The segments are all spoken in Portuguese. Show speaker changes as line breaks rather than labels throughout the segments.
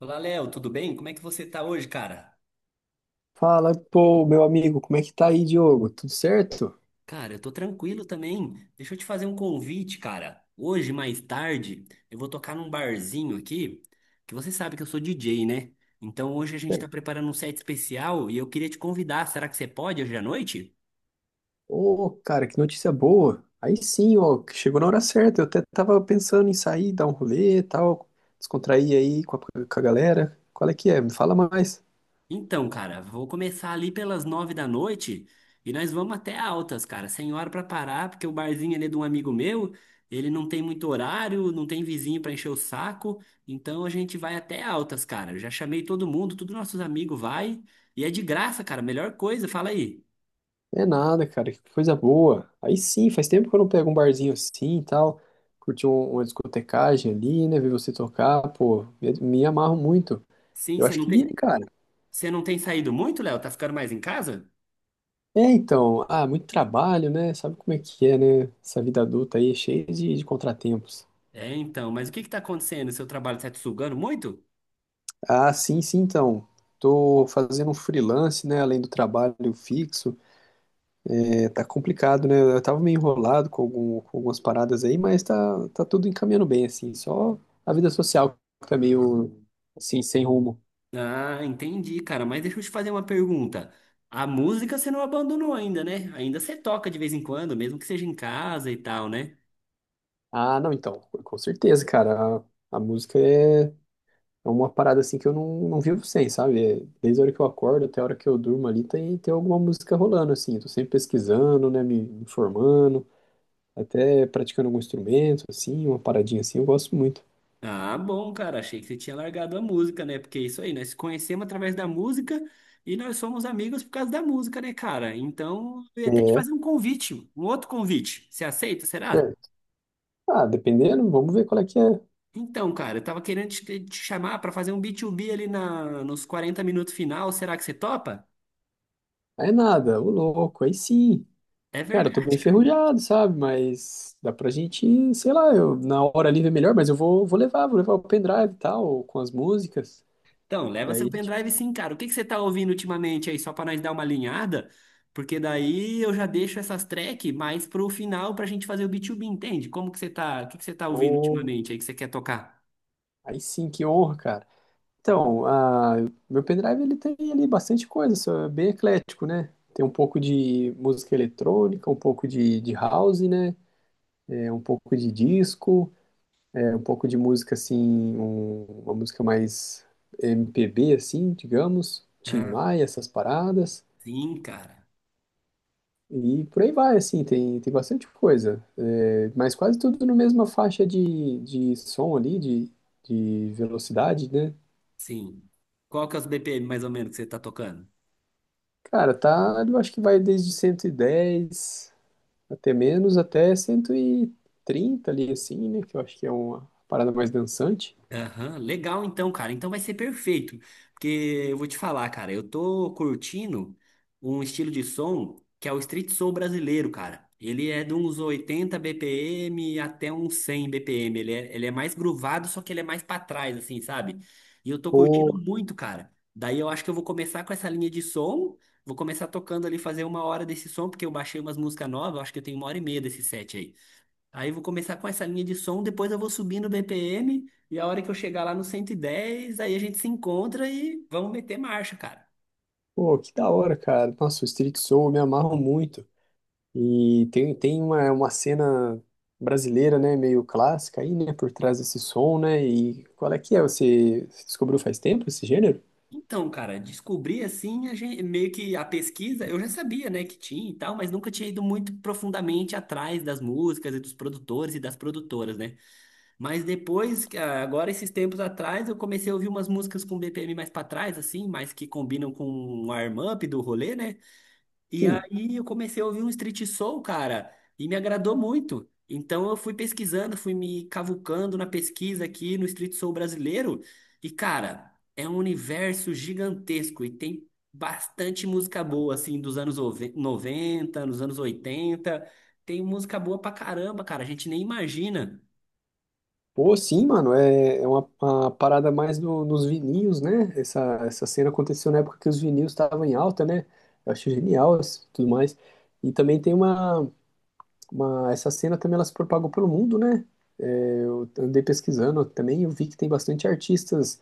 Olá, Léo, tudo bem? Como é que você tá hoje, cara?
Fala, pô, meu amigo, como é que tá aí, Diogo? Tudo certo?
Cara, eu tô tranquilo também. Deixa eu te fazer um convite, cara. Hoje, mais tarde, eu vou tocar num barzinho aqui, que você sabe que eu sou DJ, né? Então hoje a gente tá
Certo.
preparando um set especial e eu queria te convidar. Será que você pode hoje à noite?
Ô, cara, que notícia boa. Aí sim, ó, que chegou na hora certa. Eu até tava pensando em sair, dar um rolê e tal, descontrair aí com a galera. Qual é que é? Me fala mais.
Então, cara, vou começar ali pelas nove da noite e nós vamos até altas, cara, sem hora pra parar, porque o barzinho ali é de um amigo meu, ele não tem muito horário, não tem vizinho pra encher o saco, então a gente vai até altas, cara. Eu já chamei todo mundo, todos nossos amigos vai e é de graça, cara, melhor coisa, fala aí.
É nada, cara, que coisa boa. Aí sim, faz tempo que eu não pego um barzinho assim e tal, curti uma discotecagem ali, né, ver você tocar, pô, me amarro muito.
Sim,
Eu
você
acho
não
que vira, hein,
tem,
cara.
você não tem saído muito, Léo? Tá ficando mais em casa?
É, então, muito trabalho, né? Sabe como é que é, né? Essa vida adulta aí é cheia de contratempos.
É, então, mas o que que tá acontecendo? Seu trabalho tá te sugando muito?
Ah, sim, sim, então. Tô fazendo um freelance, né? Além do trabalho fixo. É, tá complicado, né? Eu tava meio enrolado com, com algumas paradas aí, mas tá tudo encaminhando bem, assim. Só a vida social que tá meio, assim, sem rumo.
Ah, entendi, cara. Mas deixa eu te fazer uma pergunta. A música você não abandonou ainda, né? Ainda você toca de vez em quando, mesmo que seja em casa e tal, né?
Ah, não, então, com certeza, cara. A música é. É uma parada assim que eu não vivo sem, sabe? É, desde a hora que eu acordo até a hora que eu durmo ali, tem alguma música rolando, assim. Eu tô sempre pesquisando, né? Me informando, até praticando algum instrumento, assim, uma paradinha assim, eu gosto muito.
Ah, bom, cara. Achei que você tinha largado a música, né? Porque é isso aí, nós se conhecemos através da música e nós somos amigos por causa da música, né, cara? Então, eu ia até te
É,
fazer um convite, um outro convite. Você aceita,
é.
será?
Ah, dependendo, vamos ver qual é que é.
Então, cara, eu tava querendo te chamar pra fazer um B2B ali na, nos 40 minutos final. Será que você topa?
Aí nada, ô louco, aí sim.
É
Cara, eu tô bem
verdade, cara.
enferrujado, sabe? Mas dá pra gente, sei lá, eu, na hora livre é melhor, mas eu vou, vou levar o pendrive e tal, com as músicas.
Então, leva seu
Daí a gente.
pendrive sim, cara. O que que você tá ouvindo ultimamente aí, só pra nós dar uma alinhada? Porque daí eu já deixo essas tracks mais pro final pra gente fazer o B2B, entende? Como que você tá, o que que você tá ouvindo
Ô,
ultimamente aí que você quer tocar?
aí sim, que honra, cara. Então, ah, meu pendrive ele tem ali bastante coisa, só é bem eclético, né? Tem um pouco de música eletrônica, um pouco de house, né? É, um pouco de disco, é, um pouco de música assim, uma música mais MPB, assim, digamos, Tim
Ah,
Maia, essas paradas.
sim, cara.
E por aí vai, assim, tem bastante coisa. É, mas quase tudo na mesma faixa de som ali, de velocidade, né?
Sim. Qual que é os BPM mais ou menos que você tá tocando?
Cara, tá, eu acho que vai desde 110 até menos, até 130 ali, assim, né? Que eu acho que é uma parada mais dançante.
Aham, legal então, cara. Então vai ser perfeito. Porque eu vou te falar, cara, eu tô curtindo um estilo de som que é o street soul brasileiro, cara. Ele é de uns 80 BPM até uns 100 BPM. Ele é mais groovado, só que ele é mais pra trás, assim, sabe? E eu tô curtindo
Pô,
muito, cara. Daí eu acho que eu vou começar com essa linha de som. Vou começar tocando ali, fazer uma hora desse som, porque eu baixei umas músicas novas. Eu acho que eu tenho uma hora e meia desse set aí. Aí eu vou começar com essa linha de som, depois eu vou subindo o BPM e a hora que eu chegar lá no 110, aí a gente se encontra e vamos meter marcha, cara.
pô, que da hora, cara. Nossa, o Street Soul eu me amarro muito. E tem, tem uma cena brasileira, né? Meio clássica aí, né? Por trás desse som, né? E qual é que é? Você descobriu faz tempo esse gênero?
Então, cara, descobri assim, a gente, meio que a pesquisa, eu já sabia, né, que tinha e tal, mas nunca tinha ido muito profundamente atrás das músicas e dos produtores e das produtoras, né? Mas depois, ah, agora esses tempos atrás, eu comecei a ouvir umas músicas com BPM mais pra trás, assim, mais que combinam com o warm-up do rolê, né? E
Sim.
aí eu comecei a ouvir um street soul, cara, e me agradou muito. Então eu fui pesquisando, fui me cavucando na pesquisa aqui no street soul brasileiro. E, cara, é um universo gigantesco e tem bastante música boa, assim, dos anos 90, nos anos oitenta. Tem música boa pra caramba, cara, a gente nem imagina.
Pô, sim, mano, é, é uma parada mais nos vininhos, né? Essa, essa cena aconteceu na época que os vininhos estavam em alta, né? Eu achei genial isso, tudo mais. E também tem uma... Essa cena também ela se propagou pelo mundo, né? É, eu andei pesquisando também, eu vi que tem bastante artistas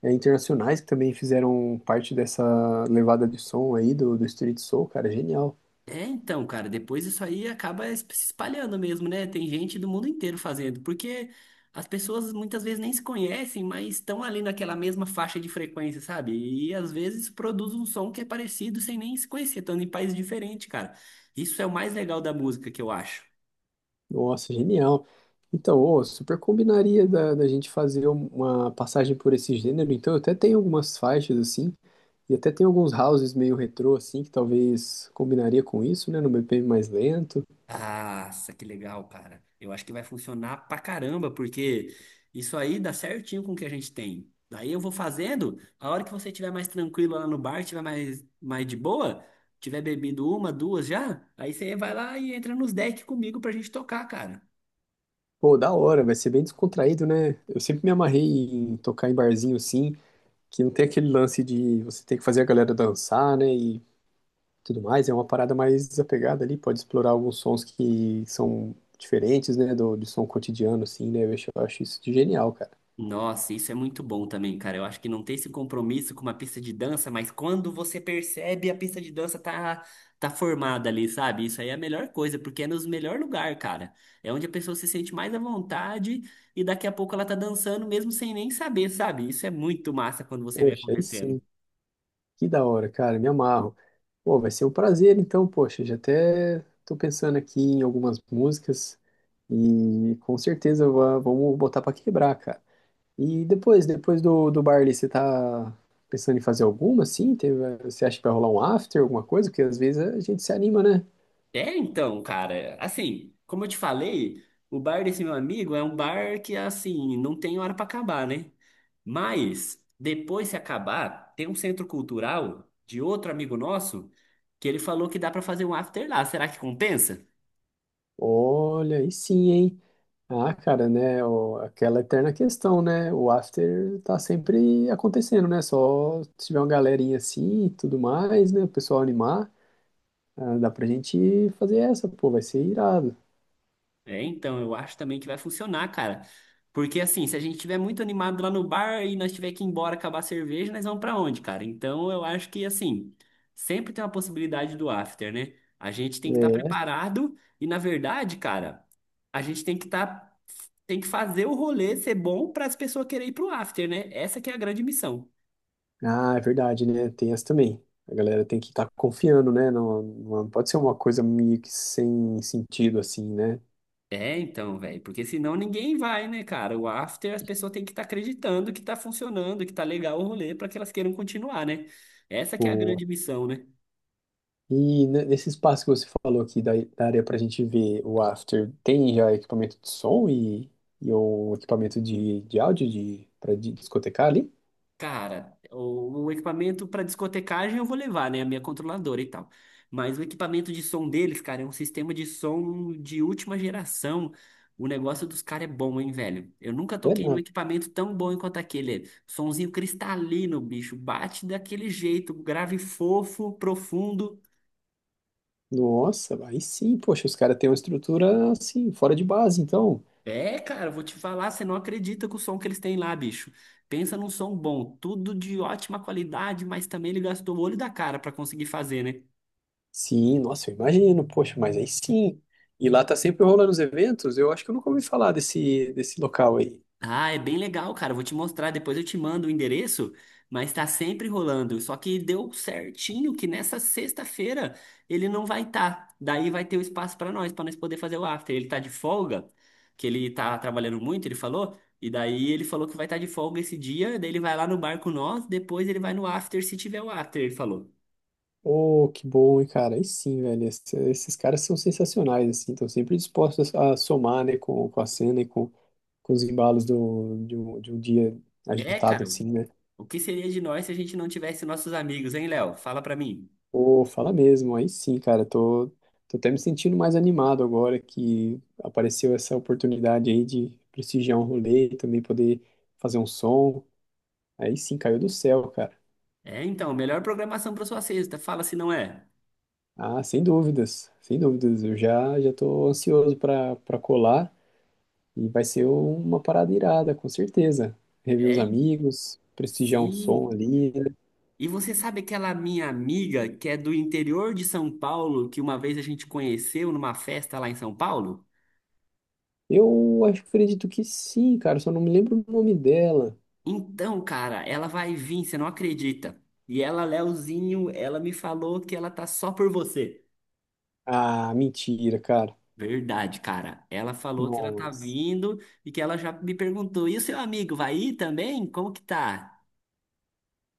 internacionais que também fizeram parte dessa levada de som aí do, do Street Soul, cara, é genial.
É, então, cara, depois isso aí acaba se espalhando mesmo, né? Tem gente do mundo inteiro fazendo, porque as pessoas muitas vezes nem se conhecem, mas estão ali naquela mesma faixa de frequência, sabe? E às vezes produz um som que é parecido sem nem se conhecer, estando em países diferentes, cara. Isso é o mais legal da música que eu acho.
Nossa, genial. Então, ô, super combinaria da gente fazer um, uma passagem por esse gênero. Então, eu até tenho algumas faixas assim, e até tem alguns houses meio retrô assim, que talvez combinaria com isso, né? No BPM mais lento.
Nossa, que legal, cara. Eu acho que vai funcionar pra caramba, porque isso aí dá certinho com o que a gente tem. Daí eu vou fazendo, a hora que você estiver mais tranquilo lá no bar, estiver mais, mais de boa, tiver bebido uma, duas já, aí você vai lá e entra nos decks comigo pra gente tocar, cara.
Pô, da hora, vai ser bem descontraído, né? Eu sempre me amarrei em tocar em barzinho assim, que não tem aquele lance de você ter que fazer a galera dançar, né? E tudo mais. É uma parada mais desapegada ali, pode explorar alguns sons que são diferentes, né? Do, do som cotidiano, assim, né? Eu acho isso de genial, cara.
Nossa, isso é muito bom também, cara. Eu acho que não ter esse compromisso com uma pista de dança, mas quando você percebe a pista de dança tá formada ali, sabe? Isso aí é a melhor coisa, porque é nos melhor lugar, cara. É onde a pessoa se sente mais à vontade e daqui a pouco ela tá dançando mesmo sem nem saber, sabe? Isso é muito massa quando você vê
Poxa, aí
acontecendo.
sim, que da hora, cara, me amarro. Pô, vai ser um prazer, então, poxa, já até tô pensando aqui em algumas músicas e com certeza vamos botar pra quebrar, cara. E depois, depois do baile, você tá pensando em fazer alguma, assim? Você acha que vai rolar um after, alguma coisa? Porque às vezes a gente se anima, né?
É, então, cara, assim, como eu te falei, o bar desse meu amigo é um bar que, assim, não tem hora pra acabar, né? Mas, depois se acabar, tem um centro cultural de outro amigo nosso que ele falou que dá pra fazer um after lá. Será que compensa?
Olha, aí sim, hein? Ah, cara, né? Aquela eterna questão, né? O after tá sempre acontecendo, né? Só se tiver uma galerinha assim e tudo mais, né? O pessoal animar, ah, dá pra gente fazer essa, pô, vai ser irado.
É, então, eu acho também que vai funcionar, cara. Porque assim, se a gente estiver muito animado lá no bar e nós tiver que ir embora acabar a cerveja, nós vamos pra onde, cara? Então, eu acho que assim, sempre tem uma possibilidade do after, né? A gente tem que estar
É.
preparado e na verdade, cara, a gente tem que estar tem que fazer o rolê ser bom para as pessoas quererem ir pro after, né? Essa que é a grande missão.
Ah, é verdade, né? Tem essa também. A galera tem que estar confiando, né? Não pode ser uma coisa meio que sem sentido, assim, né?
É, então, velho, porque senão ninguém vai, né, cara? O after, as pessoas têm que estar acreditando que tá funcionando, que tá legal o rolê para que elas queiram continuar, né? Essa que é a grande missão, né?
E nesse espaço que você falou aqui da área para a gente ver o after, tem já equipamento de som e o equipamento de áudio de, para discotecar ali?
Cara, o equipamento para discotecagem eu vou levar, né? A minha controladora e tal. Mas o equipamento de som deles, cara, é um sistema de som de última geração. O negócio dos caras é bom, hein, velho? Eu nunca
É
toquei num
nada.
equipamento tão bom quanto aquele. Sonzinho cristalino, bicho. Bate daquele jeito, grave fofo, profundo.
Nossa, aí sim, poxa, os caras têm uma estrutura assim, fora de base, então.
É, cara, eu vou te falar, você não acredita com o som que eles têm lá, bicho. Pensa num som bom, tudo de ótima qualidade, mas também ele gastou o olho da cara pra conseguir fazer, né?
Sim, nossa, eu imagino, poxa, mas aí sim. E lá tá sempre rolando os eventos, eu acho que eu nunca ouvi falar desse, desse local aí.
Ah, é bem legal, cara. Eu vou te mostrar, depois eu te mando o endereço, mas tá sempre rolando. Só que deu certinho que nessa sexta-feira ele não vai estar. Daí vai ter o espaço pra nós, poder fazer o after. Ele tá de folga, que ele tá trabalhando muito, ele falou. E daí ele falou que vai estar de folga esse dia, daí ele vai lá no bar com nós, depois ele vai no after se tiver o after, ele falou.
Oh, que bom, hein, cara. Aí sim, velho. Esses caras são sensacionais, assim. Estão sempre dispostos a somar, né, com a cena e com os embalos do, de um dia
É,
agitado,
cara,
assim, né?
o que seria de nós se a gente não tivesse nossos amigos, hein, Léo? Fala pra mim.
Pô, fala mesmo. Aí sim, cara. Tô até me sentindo mais animado agora que apareceu essa oportunidade aí de prestigiar um rolê e também poder fazer um som. Aí sim, caiu do céu, cara.
É, então, melhor programação pra sua sexta. Fala se não é.
Ah, sem dúvidas, sem dúvidas. Já tô ansioso para para colar. E vai ser uma parada irada, com certeza. Rever os
É,
amigos, prestigiar um som
sim.
ali. Né?
E você sabe aquela minha amiga que é do interior de São Paulo, que uma vez a gente conheceu numa festa lá em São Paulo?
Eu acho que acredito que sim, cara. Só não me lembro o nome dela.
Então, cara, ela vai vir, você não acredita. E ela, Leozinho, ela me falou que ela tá só por você.
Ah, mentira, cara.
Verdade, cara. Ela falou que ela tá
Nossa.
vindo e que ela já me perguntou: e o seu amigo vai ir também? Como que tá?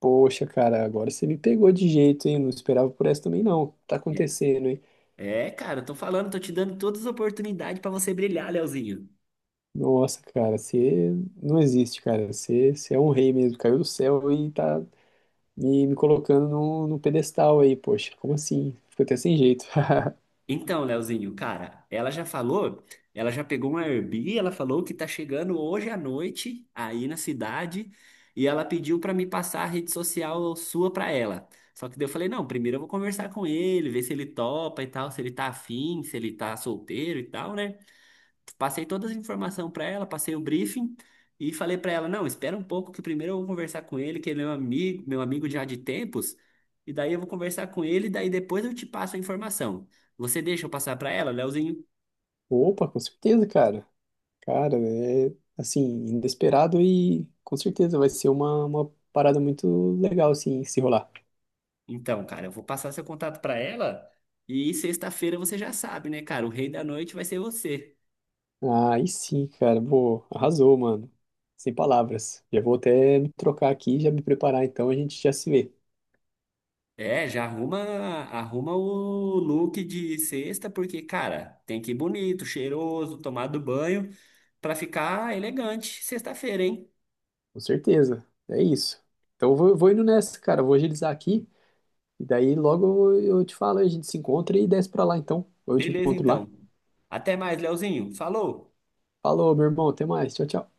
Poxa, cara, agora você me pegou de jeito, hein? Não esperava por essa também, não. Tá acontecendo, hein?
É, é, cara, eu tô falando, tô te dando todas as oportunidades pra você brilhar, Leozinho.
Nossa, cara, você não existe, cara. Você é um rei mesmo. Caiu do céu e tá me colocando no pedestal aí, poxa. Como assim? Fico até sem jeito.
Então, Leozinho, cara, ela já falou, ela já pegou uma Airbnb, ela falou que tá chegando hoje à noite aí na cidade e ela pediu pra me passar a rede social sua pra ela. Só que daí eu falei, não, primeiro eu vou conversar com ele, ver se ele topa e tal, se ele tá afim, se ele tá solteiro e tal, né? Passei todas as informações para ela, passei o briefing e falei para ela, não, espera um pouco que primeiro eu vou conversar com ele, que ele é meu amigo já de tempos, e daí eu vou conversar com ele, e daí depois eu te passo a informação. Você deixa eu passar para ela, Leozinho?
Opa, com certeza, cara. Cara, é assim, inesperado e com certeza vai ser uma parada muito legal, assim, se rolar.
Então, cara, eu vou passar seu contato para ela e sexta-feira você já sabe, né, cara? O rei da noite vai ser você.
Aí sim, cara, pô, arrasou, mano. Sem palavras. Já vou até me trocar aqui e já me preparar, então a gente já se vê.
É, já arruma, arruma o look de sexta, porque, cara, tem que ir bonito, cheiroso, tomado banho, pra ficar elegante sexta-feira, hein?
Com certeza. É isso. Então eu vou, vou indo nessa, cara. Eu vou agilizar aqui e daí logo eu te falo, a gente se encontra e desce pra lá, então. Ou eu te
Beleza,
encontro lá.
então. Até mais, Leozinho. Falou!
Falou, meu irmão, até mais. Tchau, tchau.